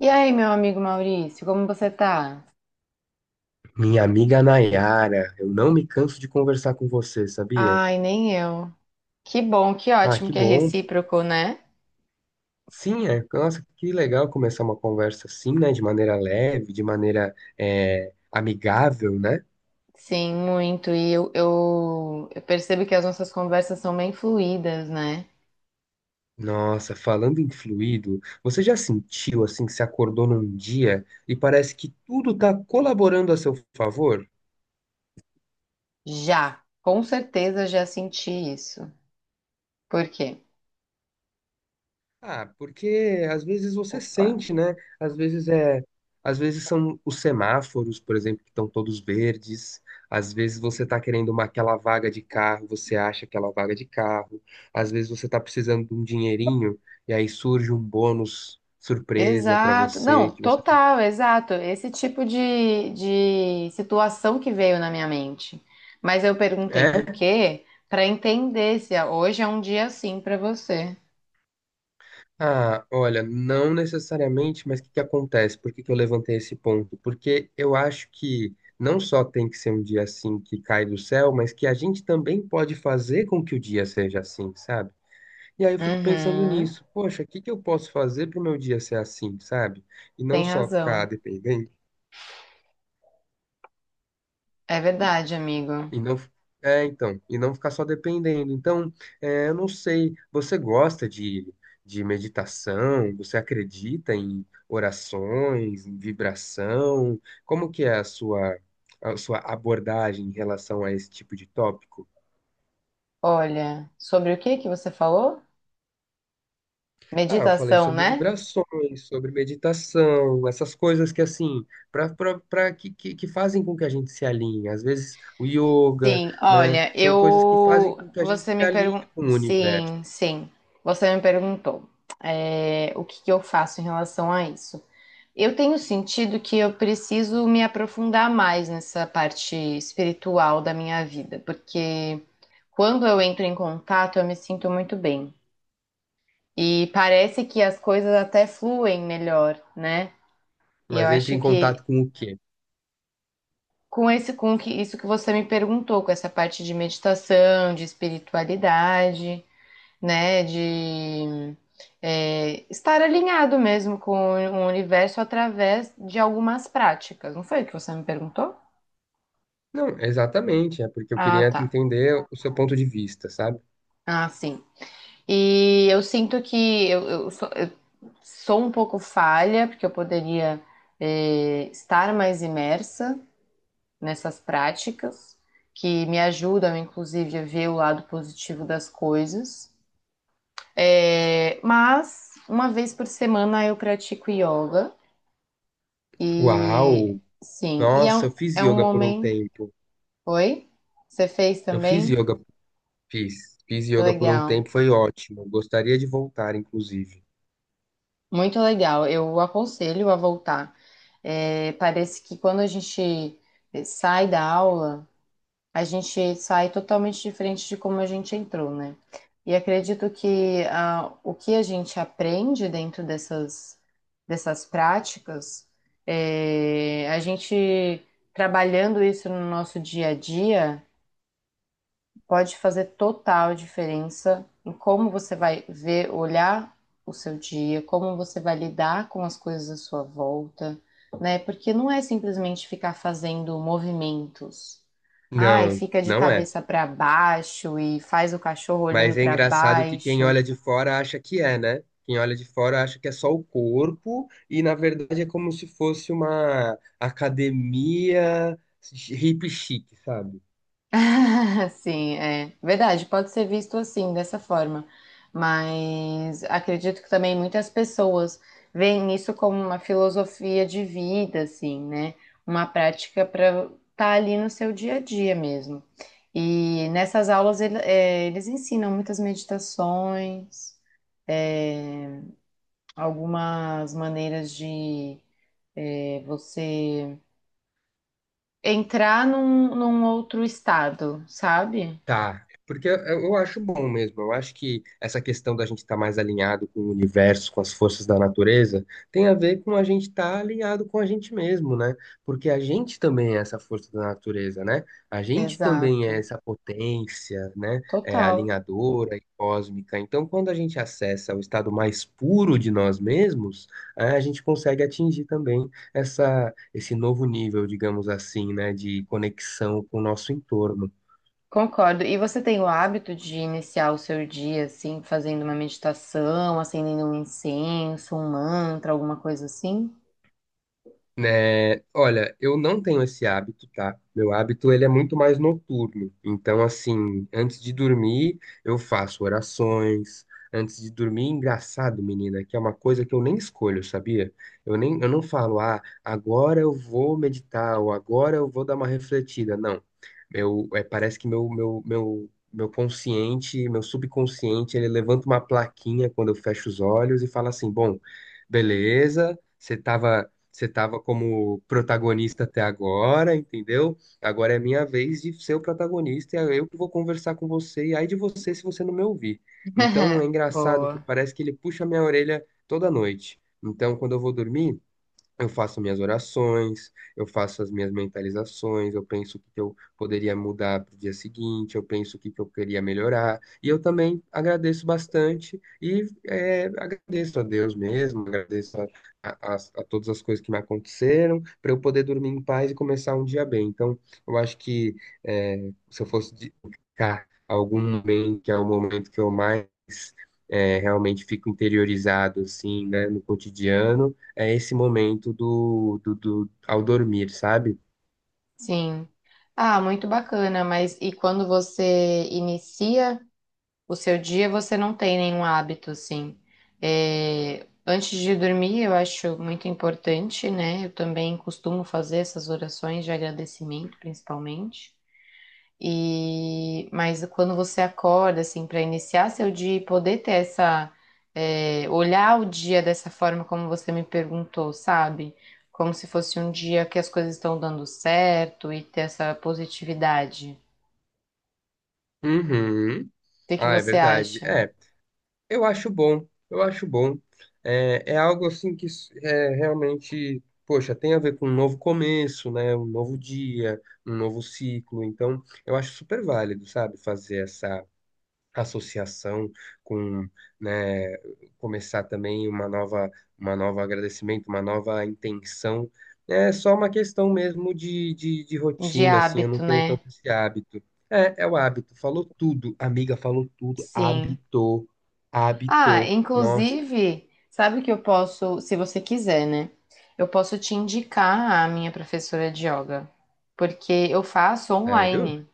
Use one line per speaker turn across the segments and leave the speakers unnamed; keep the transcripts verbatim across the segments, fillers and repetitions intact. E aí, meu amigo Maurício, como você tá?
Minha amiga Nayara, eu não me canso de conversar com você, sabia?
Ai, nem eu. Que bom, que
Ah,
ótimo
que
que é
bom.
recíproco, né?
Sim, é, nossa, que legal começar uma conversa assim, né? De maneira leve, de maneira é, amigável, né?
Sim, muito. E eu, eu, eu percebo que as nossas conversas são bem fluídas, né?
Nossa, falando em fluido, você já sentiu assim que se acordou num dia e parece que tudo tá colaborando a seu favor?
Já, com certeza já senti isso. Por quê?
Ah, porque às vezes você
Opa.
sente, né? Às vezes é, às vezes são os semáforos, por exemplo, que estão todos verdes. Às vezes você está querendo uma aquela vaga de carro, você acha aquela vaga de carro. Às vezes você está precisando de um dinheirinho e aí surge um bônus surpresa para
Exato.
você
Não,
que você fala,
total, exato. Esse tipo de, de situação que veio na minha mente. Mas eu perguntei por
é?
quê, para entender se hoje é um dia assim para você.
Ah, olha, não necessariamente, mas o que que acontece? Por que que eu levantei esse ponto? Porque eu acho que não só tem que ser um dia assim que cai do céu, mas que a gente também pode fazer com que o dia seja assim, sabe? E aí eu fico pensando
Uhum.
nisso, poxa, o que que eu posso fazer para o meu dia ser assim, sabe? E não
Tem
só ficar
razão.
dependente.
É verdade, amigo.
E não, é, então, e não ficar só dependendo. Então, é, eu não sei, você gosta de, de meditação? Você acredita em orações, em vibração? Como que é a sua, a sua abordagem em relação a esse tipo de tópico?
Olha, sobre o que que você falou?
Ah, eu falei
Meditação,
sobre
né?
vibrações, sobre meditação, essas coisas que assim, para que, que, que fazem com que a gente se alinhe. Às vezes o yoga,
Sim,
né?
olha,
São coisas que fazem
eu.
com que a gente
Você
se
me
alinhe
perguntou.
com o universo.
Sim, sim. Você me perguntou, é, o que que eu faço em relação a isso. Eu tenho sentido que eu preciso me aprofundar mais nessa parte espiritual da minha vida, porque quando eu entro em contato, eu me sinto muito bem. E parece que as coisas até fluem melhor, né? E eu
Mas entre
acho
em
que
contato com o quê?
com esse com que isso que você me perguntou, com essa parte de meditação, de espiritualidade, né, de é, estar alinhado mesmo com o universo através de algumas práticas. Não foi o que você me perguntou?
Não, exatamente, é porque eu
Ah,
queria
tá.
entender o seu ponto de vista, sabe?
Ah, sim. E eu sinto que eu, eu sou, eu sou um pouco falha, porque eu poderia, é, estar mais imersa nessas práticas, que me ajudam, inclusive, a ver o lado positivo das coisas. É, mas uma vez por semana eu pratico yoga e
Uau!
sim, e é
Nossa, eu
um,
fiz
é um
yoga por um
momento.
tempo.
Oi? Você fez
Eu fiz
também?
yoga, fiz. Fiz
Que
yoga por um
legal.
tempo, foi ótimo. Gostaria de voltar, inclusive.
Muito legal. Eu aconselho a voltar. É, parece que quando a gente sai da aula, a gente sai totalmente diferente de como a gente entrou, né? E acredito que ah, o que a gente aprende dentro dessas, dessas práticas, eh, a gente trabalhando isso no nosso dia a dia, pode fazer total diferença em como você vai ver, olhar o seu dia, como você vai lidar com as coisas à sua volta, né? Porque não é simplesmente ficar fazendo movimentos. Ai,
Não,
fica de
não é.
cabeça para baixo e faz o cachorro olhando
Mas é
para
engraçado que quem
baixo.
olha de fora acha que é, né? Quem olha de fora acha que é só o corpo e, na verdade, é como se fosse uma academia hip chique, sabe?
Sim, é verdade, pode ser visto assim, dessa forma. Mas acredito que também muitas pessoas veem isso como uma filosofia de vida, assim, né? Uma prática para estar ali no seu dia a dia mesmo. E nessas aulas ele- é, eles ensinam muitas meditações, algumas maneiras de é, você entrar num, num outro estado, sabe?
Tá, é porque eu, eu acho bom mesmo. Eu acho que essa questão da gente estar mais alinhado com o universo, com as forças da natureza, tem a ver com a gente estar alinhado com a gente mesmo, né? Porque a gente também é essa força da natureza, né? A gente também é
Exato,
essa potência, né? É,
total,
alinhadora e cósmica. Então, quando a gente acessa o estado mais puro de nós mesmos, é, a gente consegue atingir também essa, esse novo nível, digamos assim, né? De conexão com o nosso entorno.
concordo. E você tem o hábito de iniciar o seu dia assim, fazendo uma meditação, acendendo um incenso, um mantra, alguma coisa assim?
Né, olha, eu não tenho esse hábito, tá? Meu hábito, ele é muito mais noturno. Então, assim, antes de dormir, eu faço orações. Antes de dormir, engraçado, menina, que é uma coisa que eu nem escolho, sabia? Eu nem, eu não falo, ah, agora eu vou meditar ou agora eu vou dar uma refletida. Não. Meu, é, parece que meu, meu, meu, meu consciente, meu subconsciente, ele levanta uma plaquinha quando eu fecho os olhos e fala assim, bom, beleza, você tava você estava como protagonista até agora, entendeu? Agora é minha vez de ser o protagonista e é eu que vou conversar com você. E ai de você se você não me ouvir. Então é engraçado que
Boa,
parece que ele puxa minha orelha toda noite. Então, quando eu vou dormir, eu faço minhas orações, eu faço as minhas mentalizações, eu penso o que que eu poderia mudar para o dia seguinte, eu penso o que que eu queria melhorar. E eu também agradeço bastante e é, agradeço a Deus mesmo, agradeço a, a, as- a todas as coisas que me aconteceram para eu poder dormir em paz e começar um dia bem. Então, eu acho que é, se eu fosse dedicar algum momento, que é o momento que eu mais é, realmente fico interiorizado assim, né, no cotidiano, é esse momento do, do, do- ao dormir, sabe?
sim. Ah, muito bacana, mas e quando você inicia? O seu dia você não tem nenhum hábito, assim. É, antes de dormir, eu acho muito importante, né? Eu também costumo fazer essas orações de agradecimento, principalmente. E mas quando você acorda, assim, para iniciar seu dia e poder ter essa, é, olhar o dia dessa forma como você me perguntou, sabe? Como se fosse um dia que as coisas estão dando certo e ter essa positividade.
Uhum.
O que que
Ah, é
você
verdade.
acha?
É, eu acho bom, eu acho bom. É, é algo assim que é realmente, poxa, tem a ver com um novo começo, né? Um novo dia, um novo ciclo. Então, eu acho super válido, sabe? Fazer essa associação com, né, começar também uma nova, uma nova agradecimento, uma nova intenção. É só uma questão mesmo de, de, de
De
rotina, assim, eu não
hábito,
tenho
né?
tanto esse hábito. É, é o hábito, falou tudo, amiga, falou tudo,
Sim.
hábito,
Ah,
hábito. Nossa,
inclusive, sabe que eu posso, se você quiser, né? Eu posso te indicar a minha professora de yoga, porque eu faço
sério?
online.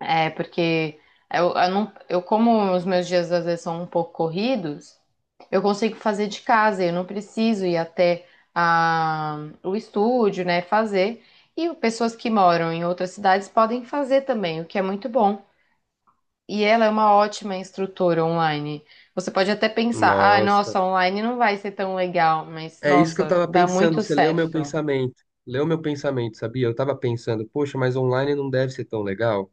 É, porque eu, eu não, eu como os meus dias às vezes são um pouco corridos, eu consigo fazer de casa, eu não preciso ir até a, o estúdio, né, fazer. E pessoas que moram em outras cidades podem fazer também, o que é muito bom. E ela é uma ótima instrutora online. Você pode até pensar, ah,
Nossa.
nossa, online não vai ser tão legal, mas
É isso que eu
nossa,
tava
dá
pensando,
muito
você leu meu
certo.
pensamento. Leu meu pensamento, sabia? Eu tava pensando, poxa, mas online não deve ser tão legal.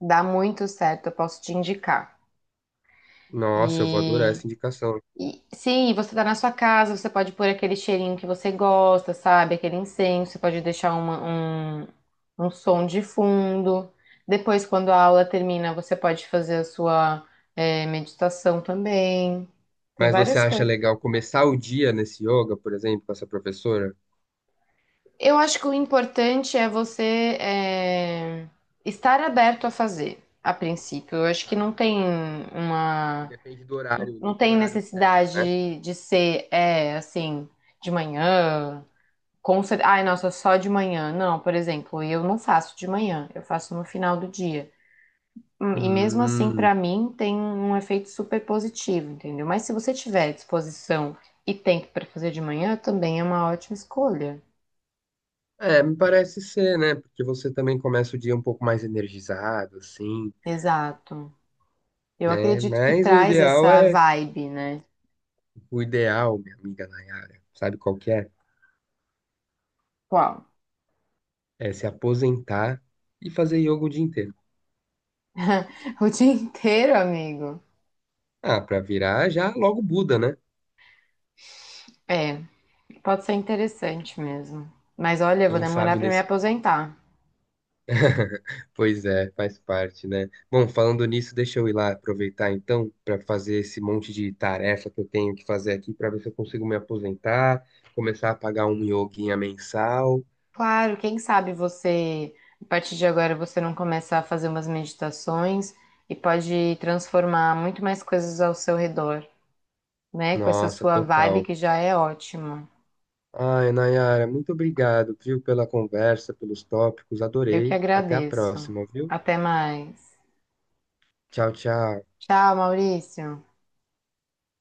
Dá muito certo, eu posso te indicar.
Nossa, eu vou adorar
E,
essa indicação.
e sim, você tá na sua casa, você pode pôr aquele cheirinho que você gosta, sabe? Aquele incenso, você pode deixar uma- um, um som de fundo. Depois, quando a aula termina, você pode fazer a sua, eh, meditação também. Tem
Mas você
várias
acha
coisas.
legal começar o dia nesse yoga, por exemplo, com essa professora?
Eu acho que o importante é você é, estar aberto a fazer, a princípio. Eu acho que
Tá.
não tem uma,
Independe do horário, não
não
tem
tem
horário certo, né?
necessidade de ser, é, assim, de manhã. Com cer- Ai, nossa, só de manhã. Não, por exemplo, eu não faço de manhã, eu faço no final do dia. Hum, E mesmo assim,
Hum.
pra mim, tem um efeito super positivo, entendeu? Mas se você tiver disposição e tempo pra fazer de manhã, também é uma ótima escolha.
É, me parece ser, né? Porque você também começa o dia um pouco mais energizado, assim,
Exato. Eu
né?
acredito que
Mas o
traz
ideal
essa
é,
vibe, né?
o ideal, minha amiga Nayara, sabe qual que é?
Qual?
É se aposentar e fazer yoga o dia inteiro.
O dia inteiro, amigo.
Ah, pra virar já logo Buda, né?
É, pode ser interessante mesmo. Mas olha, eu vou
Quem
demorar
sabe
para me
nesse
aposentar.
Pois é, faz parte, né? Bom, falando nisso, deixa eu ir lá aproveitar então para fazer esse monte de tarefa que eu tenho que fazer aqui para ver se eu consigo me aposentar, começar a pagar um yoguinha mensal.
Claro, quem sabe você, a partir de agora, você não começa a fazer umas meditações e pode transformar muito mais coisas ao seu redor, né? Com essa
Nossa,
sua vibe
total.
que já é ótima.
Ai, Nayara, muito obrigado, viu, pela conversa, pelos tópicos,
Eu que
adorei. Até a
agradeço.
próxima, viu?
Até mais.
Tchau, tchau.
Tchau, Maurício.